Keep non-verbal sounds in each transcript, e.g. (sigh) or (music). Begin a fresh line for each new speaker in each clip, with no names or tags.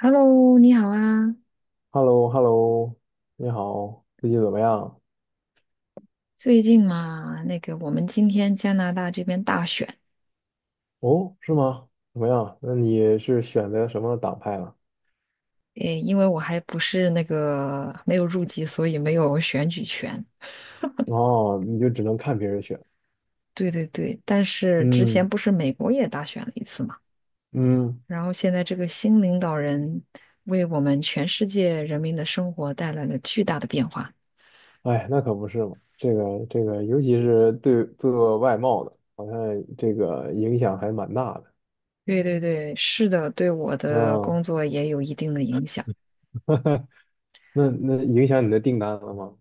Hello，你好啊！
h e l l o h e l l o 你好，最近怎么样？
最近嘛，那个我们今天加拿大这边大选，
哦，是吗？怎么样？那你是选择什么党派了？
诶，因为我还不是那个没有入籍，所以没有选举权。
哦，你就只能看别人选。
对对对，但是之前
嗯
不是美国也大选了一次嘛，
嗯，
然后现在这个新领导人为我们全世界人民的生活带来了巨大的变化。
哎，那可不是嘛。这个，尤其是对做外贸的，好像这个影响还蛮大的。
对对对，是的，对我的
嗯，
工作也有一定的影响，
(laughs) 那影响你的订单了吗？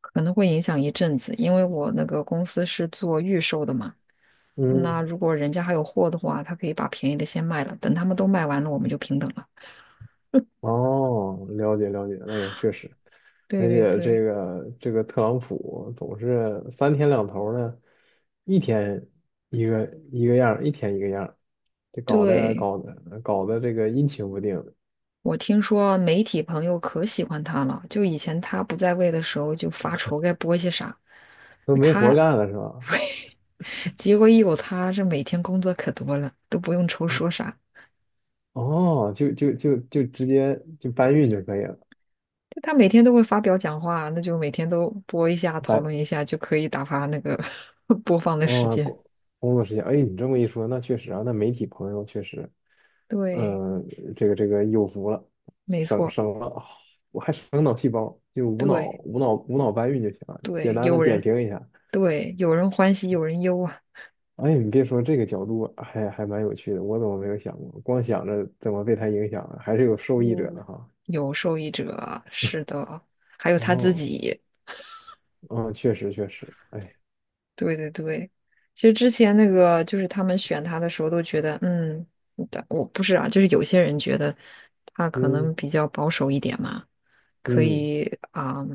可能会影响一阵子，因为我那个公司是做预售的嘛。那
嗯
如果人家还有货的话，他可以把便宜的先卖了，等他们都卖完了，我们就平等了。
哦，了解了解，那也确实，
对
而
对
且这
对，
个这个特朗普总是三天两头的，一天一个一天一个样儿，这搞得
对，
搞得搞得这个阴晴不定，
我听说媒体朋友可喜欢他了，就以前他不在位的时候就发愁该播些啥，
都没活儿
他
干了是吧？
结果一有他，这每天工作可多了，都不用愁
哦
说啥。
哦，就直接就搬运就可以了，
就他每天都会发表讲话，那就每天都播一下，讨
搬
论一下，就可以打发那个 (laughs) 播放的时
哦，
间。
工作时间，哎，你这么一说，那确实啊，那媒体朋友确实。
对
嗯，这个有福了，
没
省
错，
省了，啊，我还省脑细胞，就无脑
对
无脑无脑搬运就行了，简
对，
单的
有
点
人。
评一下。
对，有人欢喜有人忧啊，
哎，你别说这个角度还蛮有趣的，我怎么没有想过？光想着怎么被他影响了，还是有受益者的
嗯，
哈。
有受益者啊是的，还有他自
哦，
己。
嗯，确实确实，哎，
对对对，其实之前那个就是他们选他的时候都觉得，嗯，但我不是啊，就是有些人觉得他可
嗯
能比较保守一点嘛，可
嗯
以啊，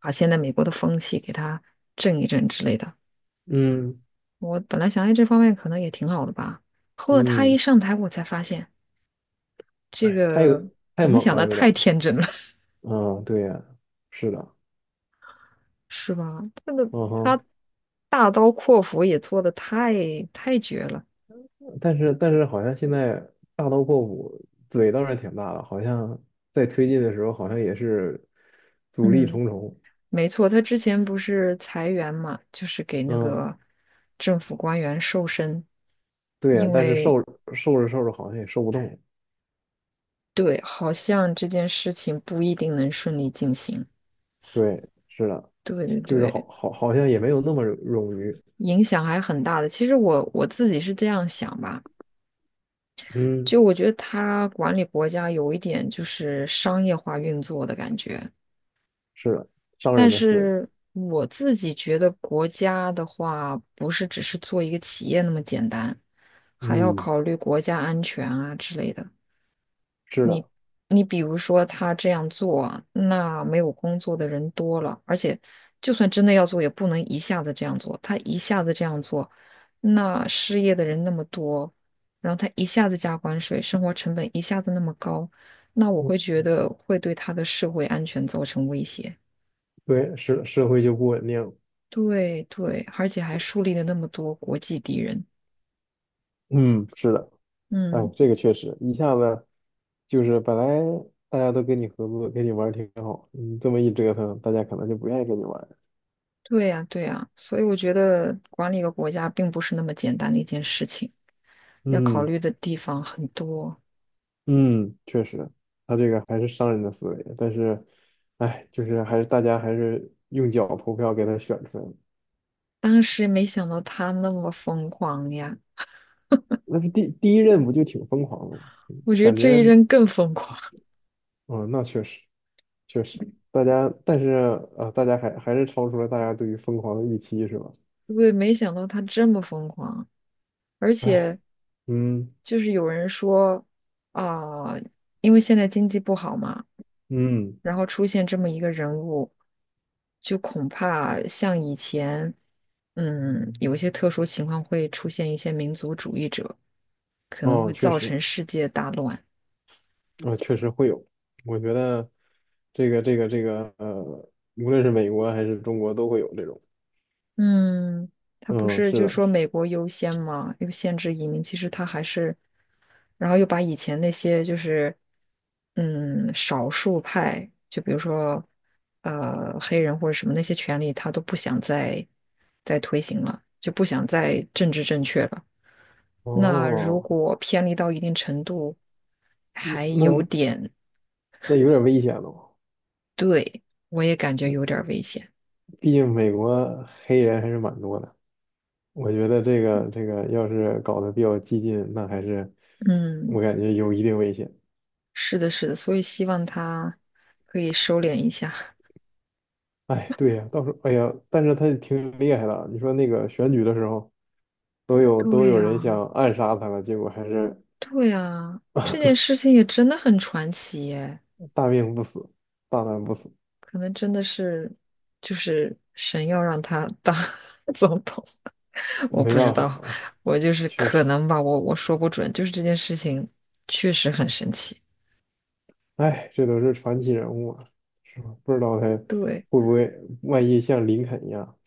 把现在美国的风气给他正一正之类的。
嗯
我本来想，哎，这方面可能也挺好的吧。后来他一
嗯，
上台，我才发现这
哎，
个我
太
们
猛
想
了，
的
有点
太
儿。
天真了。
嗯，对呀，是的，
是吧？这个
嗯哼。
他大刀阔斧也做的太绝了。
但是好像现在大刀阔斧，嘴倒是挺大的，好像在推进的时候好像也是阻力
嗯，
重重。
没错，他之前不是裁员嘛，就是给那
嗯，
个政府官员瘦身，
对呀，
因
但是
为
受着受着好像也受不动。
对，好像这件事情不一定能顺利进行。
对，是的，
对
就是
对对，
好像也没有那么冗余。
影响还很大的。其实我自己是这样想吧，
嗯，
就我觉得他管理国家有一点就是商业化运作的感觉。
是的，商
但
人的思维。
是我自己觉得，国家的话不是只是做一个企业那么简单，还要
嗯，
考虑国家安全啊之类的。
是
你
的，
你比如说，他这样做啊，那没有工作的人多了，而且就算真的要做，也不能一下子这样做。他一下子这样做，那失业的人那么多，然后他一下子加关税，生活成本一下子那么高，那我
嗯
会觉得会对他的社会安全造成威胁。
对，社会就不稳定。
对对，而且还树立了那么多国际敌人。
嗯，是的。哎，
嗯，
这个确实一下子就是本来大家都跟你合作，跟你玩儿挺好，你这么一折腾，大家可能就不愿意跟你玩儿。
对呀对呀，所以我觉得管理一个国家并不是那么简单的一件事情，要考
嗯
虑的地方很多。
嗯，确实，他这个还是商人的思维，但是，哎，就是还是大家还是用脚投票给他选出来的。
当时没想到他那么疯狂呀，
那是第一任不就挺疯狂的吗？
我觉得
感
这一
觉，
任更疯狂。
嗯，那确实确实，大家还是超出了大家对于疯狂的预期，是吧？
(laughs) 对，没想到他这么疯狂，而
哎，
且
嗯
就是有人说啊、因为现在经济不好嘛。
嗯，
然后出现这么一个人物，就恐怕像以前，嗯，有一些特殊情况会出现一些民族主义者，可能
哦，
会
确
造
实。
成世界大乱。
啊，确实会有。我觉得这个，无论是美国还是中国都会有这种。
嗯，他不
嗯，
是
是
就是
的。
说美国优先嘛，又限制移民，其实他还是，然后又把以前那些就是，嗯，少数派，就比如说，黑人或者什么那些权利，他都不想再推行了，就不想再政治正确了。那如
哦，
果偏离到一定程度，
嗯
还
那
有点，
那有点危险了。
对，我也感觉有点儿危险。
毕竟美国黑人还是蛮多的。我觉得这个要是搞得比较激进，那还是
嗯，
我感觉有一定危险。
是的，是的，所以希望他可以收敛一下。(laughs)
哎，对呀，到时候哎呀，但是他也挺厉害的啊。你说那个选举的时候，都有都
对
有
呀，
人想暗杀他了，结果还是
对呀，这件事情也真的很传奇耶，
大命不死，大难不死。
可能真的是就是神要让他当 (laughs) 总统，(laughs) 我
没
不知
办法
道，
了，
我就是
确
可
实，
能吧，我说不准，就是这件事情确实很神奇。
哎，这都是传奇人物啊，是吧？不知道他
对。
会不会，万一像林肯一样，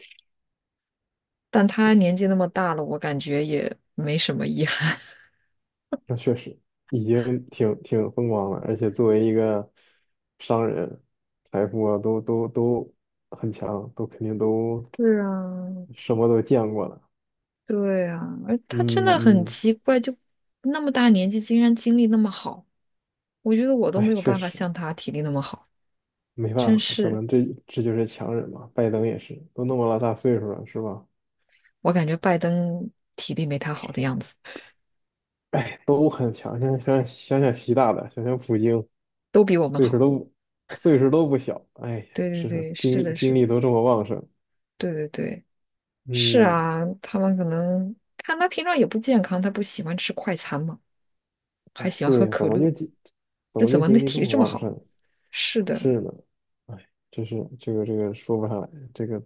但他年纪那么大了，我感觉也没什么遗憾。
那确实已经挺风光了，而且作为一个商人，财富啊都很强，都肯定都
(laughs) 是啊，
什么都见过了。
对啊，而他真的很
嗯嗯，
奇怪，就那么大年纪，竟然精力那么好，我觉得我都
哎，
没有
确
办法
实
像他体力那么好，
没办
真
法，可
是，
能这就是强人嘛。拜登也是，都那么老大岁数了，是吧？
我感觉拜登体力没他好的样子，
哎，都很强。想想习大大，想想普京，
都比我们
岁数
好。
都岁数都不小。哎呀，
对对
是
对，
精
是
力
的，
精
是的，
力都这么旺盛。
对对对，是
嗯，
啊，他们可能看他平常也不健康，他不喜欢吃快餐嘛，还
哎，
喜欢
对
喝
呀，
可乐，
怎
这
么
怎
就
么那
精力这
体力
么
这么
旺
好？
盛？
是的，
是呢，哎，真是这个说不上来，这个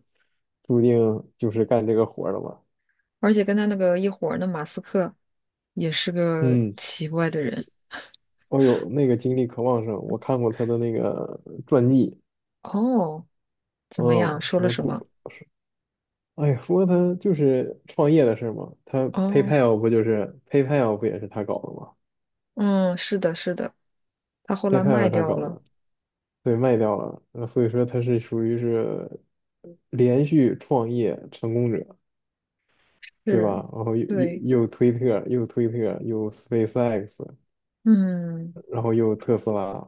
注定就是干这个活儿的吧。
而且跟他那个一伙儿的马斯克也是个
嗯，
奇怪的人。
哦呦，那个精力可旺盛，我看过他的那个传记，
哦，怎么样？
嗯，
说
什
了
么
什么？
古哎呀，不过他就是创业的事儿嘛，他
哦，
PayPal 不也是他搞的吗
嗯，是的，是的，他后来
？PayPal
卖
是他
掉
搞
了。
的，对，卖掉了，所以说他是属于是连续创业成功者，对
是，
吧？然后又又
对，
又推特，又推特，又 SpaceX,
嗯，
然后又特斯拉，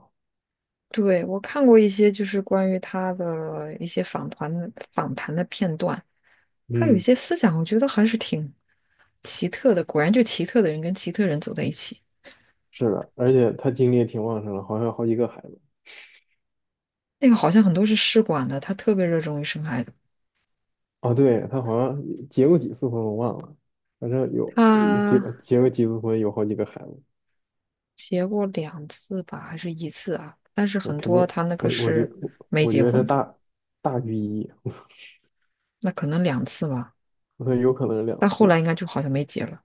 对，我看过一些就是关于他的一些访谈的片段，他有一
嗯，
些思想，我觉得还是挺奇特的。果然，就奇特的人跟奇特人走在一起。
是的，而且他精力也挺旺盛的，好像有好几个孩子。
那个好像很多是试管的，他特别热衷于生孩子。
哦，对，他好像结过几次婚，我忘了，反正有有结
他
结过几次婚，有好几个孩子。
结过两次吧，还是一次啊？但是
那
很
肯
多
定，
他那个
我我觉
是
我
没
我
结
觉得是
婚的，
大大于一，(laughs)
那可能两次吧。
我有可能是两
但
次。
后来应该就好像没结了。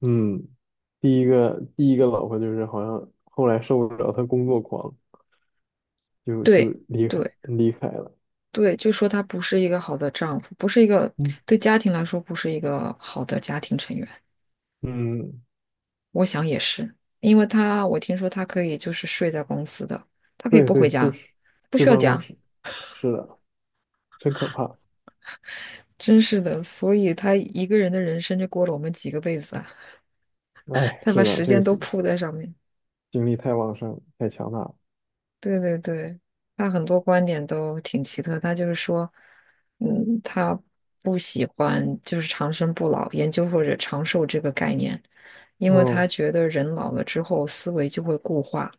嗯，第一个老婆就是好像后来受不了，她工作狂，就
对
离开
对
离开了。
对，就说他不是一个好的丈夫，不是一个
嗯
对家庭来说不是一个好的家庭成员。
嗯，
我想也是，因为他我听说他可以就是睡在公司的，他可以
对
不
对，
回
是
家，
是
不
是
需要
办公
家，
室，是的，真可怕。
真是的。所以他一个人的人生就过了我们几个辈子啊，(laughs)
哎，
他把
是的，
时
这
间
个
都
精
扑在上面。
精力太旺盛，太强大了。
对对对，他很多观点都挺奇特。他就是说，嗯，他不喜欢就是长生不老研究或者长寿这个概念，因为他
嗯
觉得人老了之后思维就会固化，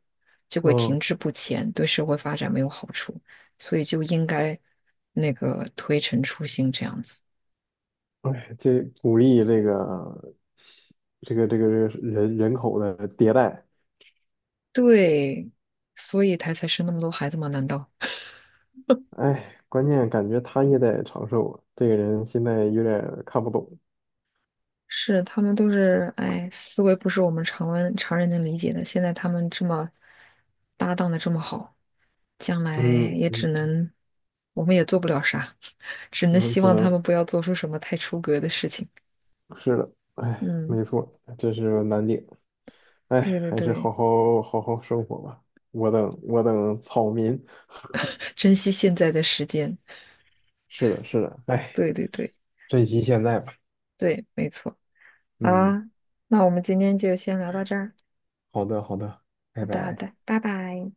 就会
嗯，
停滞不前，对社会发展没有好处，所以就应该那个推陈出新这样子。
哎，这鼓励这个人口的迭代。
对，所以他才生那么多孩子吗？难道？
哎，关键感觉他也得长寿啊，这个人现在有点儿看不懂。
是他们都是，哎，思维不是我们常人能理解的。现在他们这么搭档的这么好，将来
嗯
也
嗯，
只能，我们也做不了啥，(laughs) 只
我
能
们
希
只
望他
能
们不要做出什么太出格的事情。
是的，哎，
嗯，
没错，这是难点。哎，
对对
还是
对，
好好生活吧。我等草民。
珍惜现在的时间。
是的，是的，哎，
对对对
珍惜现在吧。
对，没错。好
嗯，
啦，那我们今天就先聊到这儿。
好的好的，
好
拜
的好
拜。
的，拜拜。